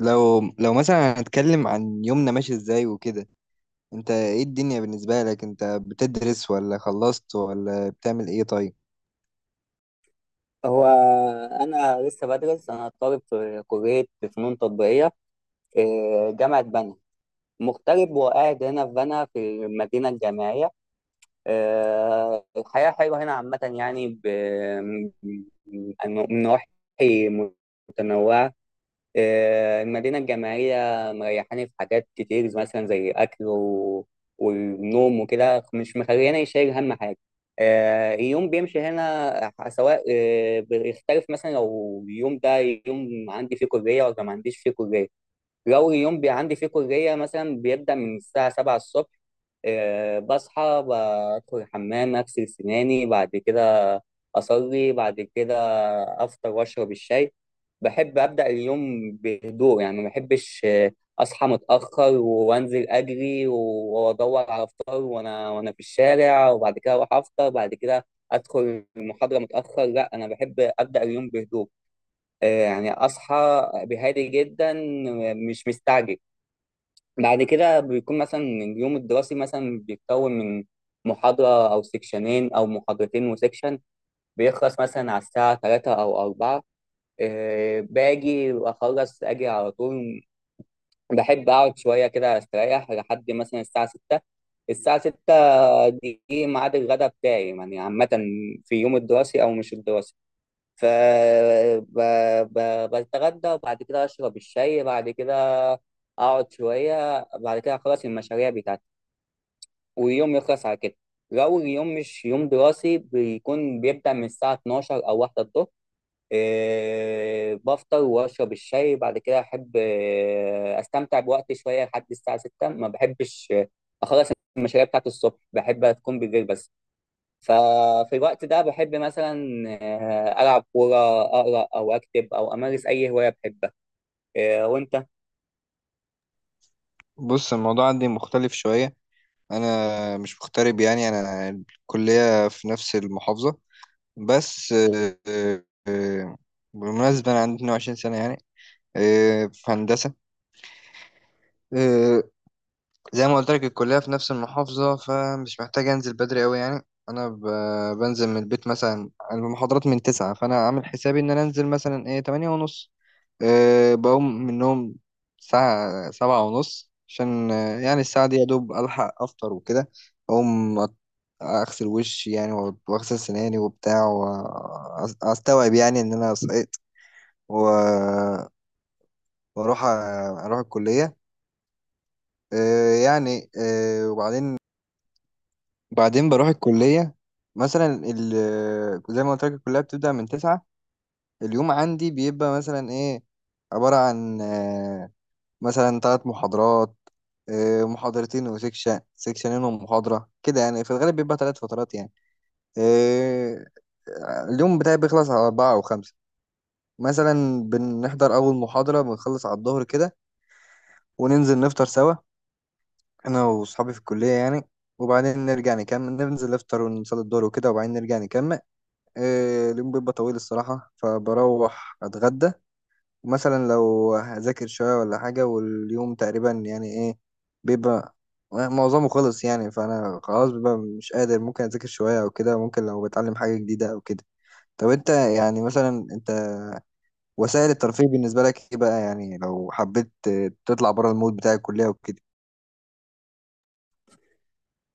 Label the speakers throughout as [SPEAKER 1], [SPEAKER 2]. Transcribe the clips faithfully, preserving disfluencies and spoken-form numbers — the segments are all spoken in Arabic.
[SPEAKER 1] لو لو مثلا هنتكلم عن يومنا ماشي ازاي وكده. انت ايه الدنيا بالنسبة لك؟ انت بتدرس ولا خلصت ولا بتعمل ايه طيب؟
[SPEAKER 2] هو أنا لسه بدرس. أنا طالب في كلية فنون تطبيقية في جامعة بنها، مغترب وقاعد هنا في بنها في المدينة الجامعية. آه، الحياة حلوة هنا عامة يعني ب- من من نواحي متنوعة. آه، المدينة الجامعية مريحاني في حاجات كتير، مثلا زي أكل و... والنوم وكده، مش مخليني شايل هم حاجة. آه، اليوم بيمشي هنا، آه، سواء، آه، بيختلف مثلا لو اليوم ده يوم عندي فيه كلية ولا ما عنديش فيه كلية. لو اليوم بي عندي فيه كلية مثلا، بيبدأ من الساعة سبعة الصبح. آه، بصحى بدخل الحمام، أغسل سناني، بعد كده أصلي، بعد كده أفطر وأشرب الشاي. بحب أبدأ اليوم بهدوء يعني، ما بحبش آه، أصحى متأخر وأنزل أجري و- وأدور على فطار وأنا وأنا في الشارع، وبعد كده أروح أفطر، بعد كده أدخل المحاضرة متأخر. لا، أنا بحب أبدأ اليوم بهدوء. آه، يعني اصحى بهادي جدا، مش مستعجل. بعد كده بيكون مثلا اليوم الدراسي مثلا بيتكون من محاضرة أو سكشنين أو محاضرتين وسكشن. بيخلص مثلا على الساعة تلاتة أو أربعة. آه، باجي أخلص أجي على طول. بحب أقعد شوية كده أستريح لحد مثلا الساعة ستة. الساعة ستة دي ميعاد الغداء بتاعي، يعني عامة في يوم الدراسي أو مش الدراسي. ف ب... ب... بتغدى، وبعد كده اشرب الشاي، بعد كده اقعد شويه، بعد كده اخلص المشاريع بتاعتي، ويوم يخلص على كده. لو اليوم مش يوم دراسي، بيكون بيبدأ من الساعه الثانية عشرة او واحدة الظهر. إيه، بفطر واشرب الشاي، بعد كده احب آه، استمتع بوقتي شويه لحد الساعه ستة. ما بحبش آه، اخلص المشاريع بتاعتي الصبح، بحب تكون بالليل بس. ففي الوقت ده بحب مثلا آه، ألعب كورة، أقرأ أو أكتب أو أمارس أي هواية بحبها. آه، وأنت؟
[SPEAKER 1] بص، الموضوع عندي مختلف شوية. انا مش مغترب، يعني انا الكلية في نفس المحافظة. بس آه، آه، بالمناسبة انا عندي اتنين وعشرين سنة يعني، آه، في هندسة. آه، زي ما قلت لك الكلية في نفس المحافظة، فمش محتاج أنزل بدري أوي يعني. أنا ب... بنزل من البيت مثلا، أنا المحاضرات من تسعة، فأنا عامل حسابي إن أنا أنزل مثلا إيه تمانية ونص. أه، بقوم من النوم ساعة سبعة ونص عشان آه، يعني الساعة دي يا دوب ألحق أفطر وكده. أقوم أت- أغسل وشي يعني، وأ- وأغسل سناني وبتاع، وأستوعب يعني إن أنا صحيت و- وأروح أ- أروح الكلية. آه، يعني آه، وبعدين بعدين بروح الكلية. مثلا ال زي ما قلت لك الكلية بتبدأ من تسعة. اليوم عندي بيبقى مثلا ايه، عبارة عن آه، مثلا ثلاث محاضرات، آه، محاضرتين وسكشن، سكشنين ومحاضرة كده يعني، في الغالب بيبقى ثلاث فترات يعني. آه، اليوم بتاعي بيخلص على أربعة أو خمسة. مثلا بنحضر أول محاضرة، بنخلص على الظهر كده وننزل نفطر سوا أنا وأصحابي في الكلية يعني، وبعدين نرجع نكمل ننزل نفطر ونصلي الظهر وكده، وبعدين نرجع نكمل. إيه، اليوم بيبقى طويل الصراحة، فبروح أتغدى مثلا، لو هذاكر شوية ولا حاجة. واليوم تقريبا يعني إيه، بيبقى معظمه خلص يعني، فأنا خلاص بيبقى مش قادر. ممكن أذاكر شوية أو كده، ممكن لو بتعلم حاجة جديدة أو كده. طب أنت يعني، مثلا أنت وسائل الترفيه بالنسبة لك إيه بقى يعني، لو حبيت تطلع بره المود بتاع الكلية وكده؟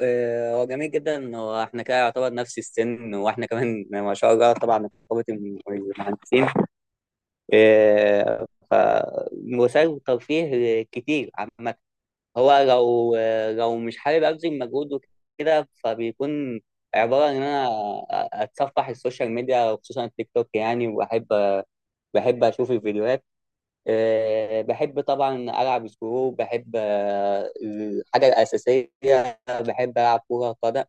[SPEAKER 2] آه، هو جميل جدا، واحنا كده يعتبر نفس السن، واحنا كمان ما شاء الله، طبعا رقابة المهندسين. آه، ف وسائل ترفيه كتير عامة. هو لو لو مش حابب أبذل مجهود وكده، فبيكون عبارة عن إن أنا أتصفح السوشيال ميديا، وخصوصا التيك توك يعني. وبحب بحب أشوف الفيديوهات. آه، بحب طبعا ألعب سكرو. بحب آه، الحاجة الأساسية بحب ألعب كورة قدم،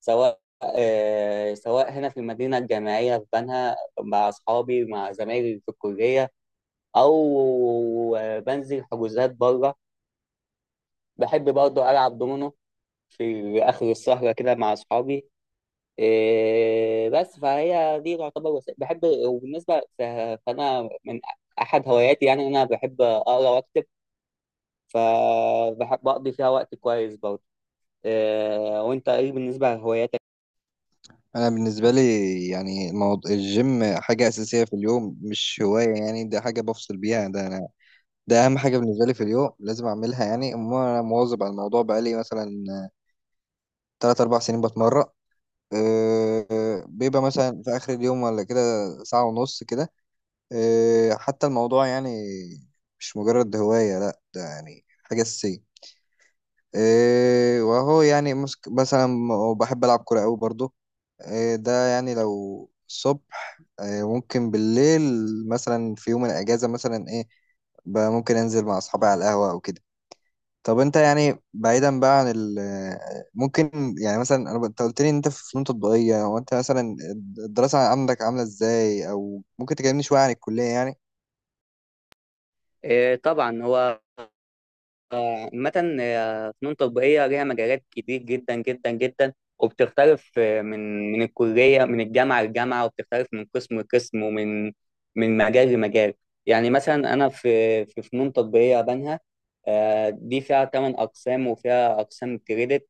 [SPEAKER 2] سواء آه، سواء هنا في المدينة الجامعية في بنها مع أصحابي، مع زمايلي في الكلية، أو آه، بنزل حجوزات بره. بحب برضه ألعب دومينو في آخر السهرة كده مع أصحابي. آه، بس فهي دي تعتبر وسيلة بحب، وبالنسبة ف- فأنا من أحد هواياتي يعني إن أنا بحب أقرأ وأكتب، فبقضي فيها وقت كويس برضه. آه، وانت ايه بالنسبة لهواياتك؟
[SPEAKER 1] أنا بالنسبة لي، يعني الموضوع الجيم حاجة أساسية في اليوم، مش هواية يعني. ده حاجة بفصل بيها، ده أنا. ده اهم حاجه بالنسبه لي في اليوم، لازم اعملها يعني. أما انا مواظب على الموضوع بقالي مثلا ثلاثة أربعة سنين بتمرن. أه، أه، بيبقى مثلا في اخر اليوم ولا كده، ساعه ونص كده. أه، حتى الموضوع يعني مش مجرد هوايه، لا ده يعني حاجه اساسيه. أه، وهو يعني مسك- مثلا بحب العب كوره قوي برضو. أه، ده يعني لو الصبح، أه، ممكن بالليل، مثلا في يوم الاجازه مثلا ايه بقى، ممكن انزل مع اصحابي على القهوه او كده. طب انت يعني، بعيدا بقى عن ال، ممكن يعني مثلا انا، انت قلت لي ان انت في فنون تطبيقية، هو انت مثلا الدراسة عندك عاملة ازاي، او ممكن تكلمني شوية عن الكلية يعني؟
[SPEAKER 2] آه، طبعا هو آه، عامة آه، فنون تطبيقية ليها مجالات كتير جدا جدا جدا، وبتختلف آه، من من الكلية، من الجامعة للجامعة، وبتختلف من قسم لقسم، ومن من مجال لمجال. يعني مثلا أنا في في فنون تطبيقية بنها. آه، دي فيها ثمان أقسام وفيها أقسام كريدت.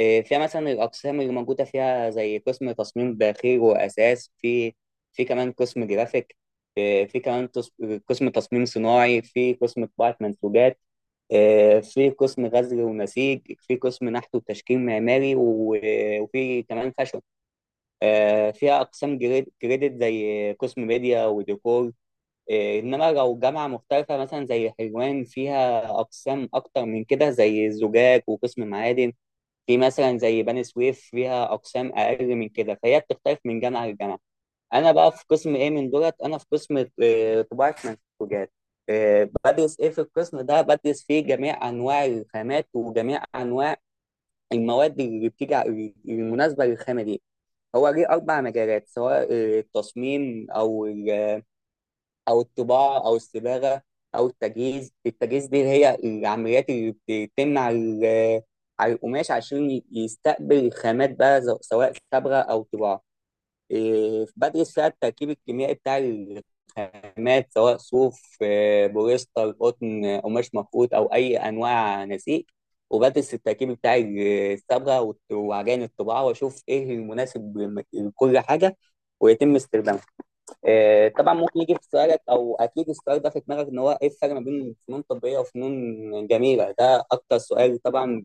[SPEAKER 2] إيه، فيها مثلا الأقسام اللي موجودة فيها زي قسم تصميم داخلي وأساس في في كمان قسم جرافيك. إيه، في كمان تص- قسم تصميم صناعي، في قسم طباعة منسوجات. إيه، في قسم غزل ونسيج، في قسم نحت وتشكيل معماري، و- وفي كمان فاشون. آه، فيها أقسام جريد- كريدت زي قسم ميديا وديكور. إيه، إنما لو جامعة مختلفة مثلا زي حلوان، فيها أقسام أكتر من كده زي الزجاج وقسم معادن. في مثلا زي بني سويف فيها اقسام اقل من كده، فهي بتختلف من جامعه لجامعه. انا بقى في قسم ايه من دولت؟ انا في قسم آه، طباعه منسوجات. آه، بدرس ايه في القسم ده؟ بدرس فيه جميع انواع الخامات، وجميع انواع المواد اللي بتيجي ع- المناسبه للخامه دي. هو ليه اربع مجالات، سواء آه، التصميم او ال- او الطباعه، او الصباغه، او التجهيز. التجهيز دي اللي هي العمليات اللي بتتم على ال- على القماش عشان ي- يستقبل الخامات بقى، ز- سواء صبغه او طباعه. إيه، بدرس فيها التركيب الكيميائي بتاع الخامات، سواء صوف، آه، بوليستر، قطن، قماش مفقود، او اي انواع نسيج. وبدرس التركيب بتاع الصبغه وعجائن الطباعه، واشوف ايه المناسب لكل حاجه ويتم استخدامها. آه، طبعا ممكن يجي في سؤالك، او اكيد السؤال ده في دماغك، ان هو ايه الفرق ما بين فنون تطبيقيه وفنون جميله؟ ده اكتر سؤال طبعا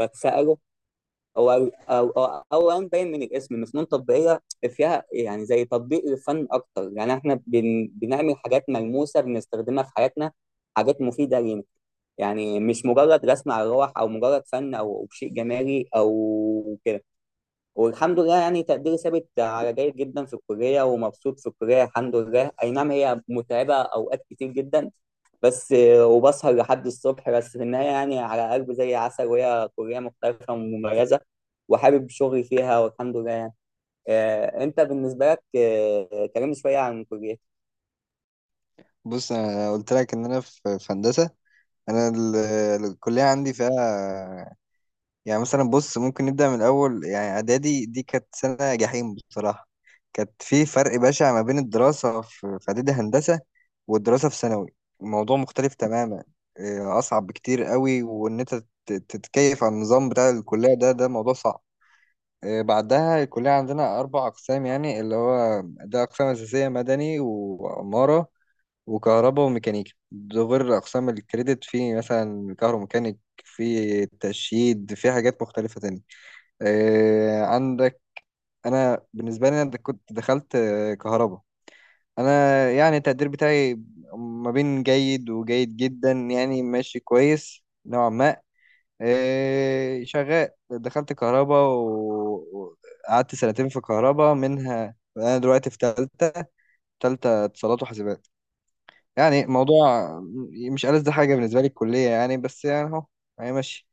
[SPEAKER 2] بتساله. هو او او اولا باين من الاسم ان فنون تطبيقيه فيها يعني زي تطبيق للفن اكتر. يعني احنا بن بنعمل حاجات ملموسه بنستخدمها في حياتنا، حاجات مفيده لينا، يعني مش مجرد رسم على الروح، او مجرد فن او شيء جمالي او كده. والحمد لله يعني تقديري ثابت على جيد جدا في الكلية، ومبسوط في الكلية الحمد لله. أي نعم، هي متعبة أوقات كتير جدا، بس وبسهر لحد الصبح، بس في النهاية يعني على قلب زي عسل، وهي كلية مختلفة ومميزة، وحابب شغلي فيها والحمد لله يعني. آه، أنت بالنسبة لك، آه، كلمني شوية عن الكلية.
[SPEAKER 1] بص انا قلت لك ان انا في في هندسة. انا ال- الكلية عندي فيها يعني مثلا، بص ممكن نبدأ من الأول يعني. إعدادي دي كانت سنة جحيم بصراحة، كانت في فرق بشع ما بين الدراسة في في إعدادي هندسة والدراسة في ثانوي. الموضوع مختلف تماما، آه، أصعب بكتير قوي. وإن أنت تت- تتكيف على النظام بتاع الكلية ده، ده موضوع صعب. آه، بعدها، الكلية عندنا أربع أقسام يعني، اللي هو ده أقسام أساسية: مدني وعمارة وكهرباء وميكانيكا. ده غير أقسام الكريدت، في مثلا كهروميكانيك، في تشييد، في حاجات مختلفة تانية. آه، عندك انا بالنسبه لي انا د- كنت دخلت آه، كهرباء. انا يعني التقدير بتاعي ما بين جيد وجيد جدا يعني، ماشي كويس نوعا ما. آه، شغال. دخلت كهرباء و- وقعدت سنتين في كهرباء، منها انا دلوقتي في تالتة. تالتة اتصالات وحاسبات. يعني موضوع مش ألذ حاجة بالنسبة لي الكلية يعني، بس يعني اهو، هي ماشي.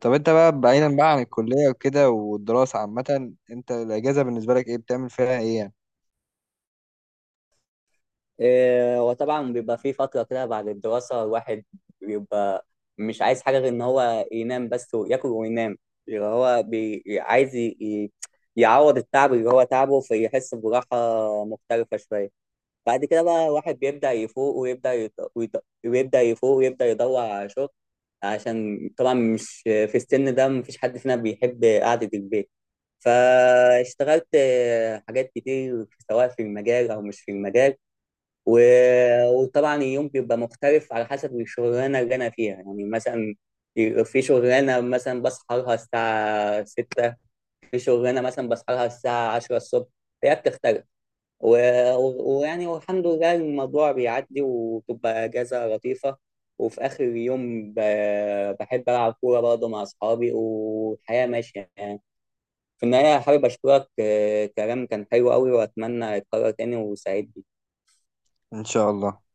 [SPEAKER 1] طب انت بقى، بعيدا بقى عن الكلية وكده والدراسة عامة، انت الأجازة بالنسبة لك ايه، بتعمل فيها ايه يعني؟
[SPEAKER 2] إيه، وطبعا بيبقى في فترة كده بعد الدراسة، الواحد بيبقى مش عايز حاجة غير إن هو ينام بس وياكل وينام، اللي هو بي... عايز ي... ي- يعوض التعب اللي هو تعبه، فيحس براحة مختلفة شوية. بعد كده بقى الواحد بيبدأ يفوق ويبدأ يط... ويط... ويبدأ يفوق ويبدأ يدور على شغل، عشان طبعا مش في السن ده مفيش حد فينا بيحب قعدة البيت. فاشتغلت آه، حاجات كتير، سواء في المجال أو مش في المجال. و- وطبعا اليوم بيبقى مختلف على حسب الشغلانه اللي انا فيها يعني. مثلا في شغلانه مثلا بصحى لها الساعه ستة، في شغلانه مثلا بصحى لها الساعه عشرة الصبح، هي بتختلف. و- و- ويعني والحمد لله الموضوع بيعدي، وتبقى اجازه لطيفه. وفي اخر اليوم ب- بحب العب كوره برضه مع اصحابي، والحياه ماشيه يعني. في النهايه حابب اشكرك، آه، كلام كان حلو قوي واتمنى يتكرر تاني، وسعيد.
[SPEAKER 1] ان شاء الله.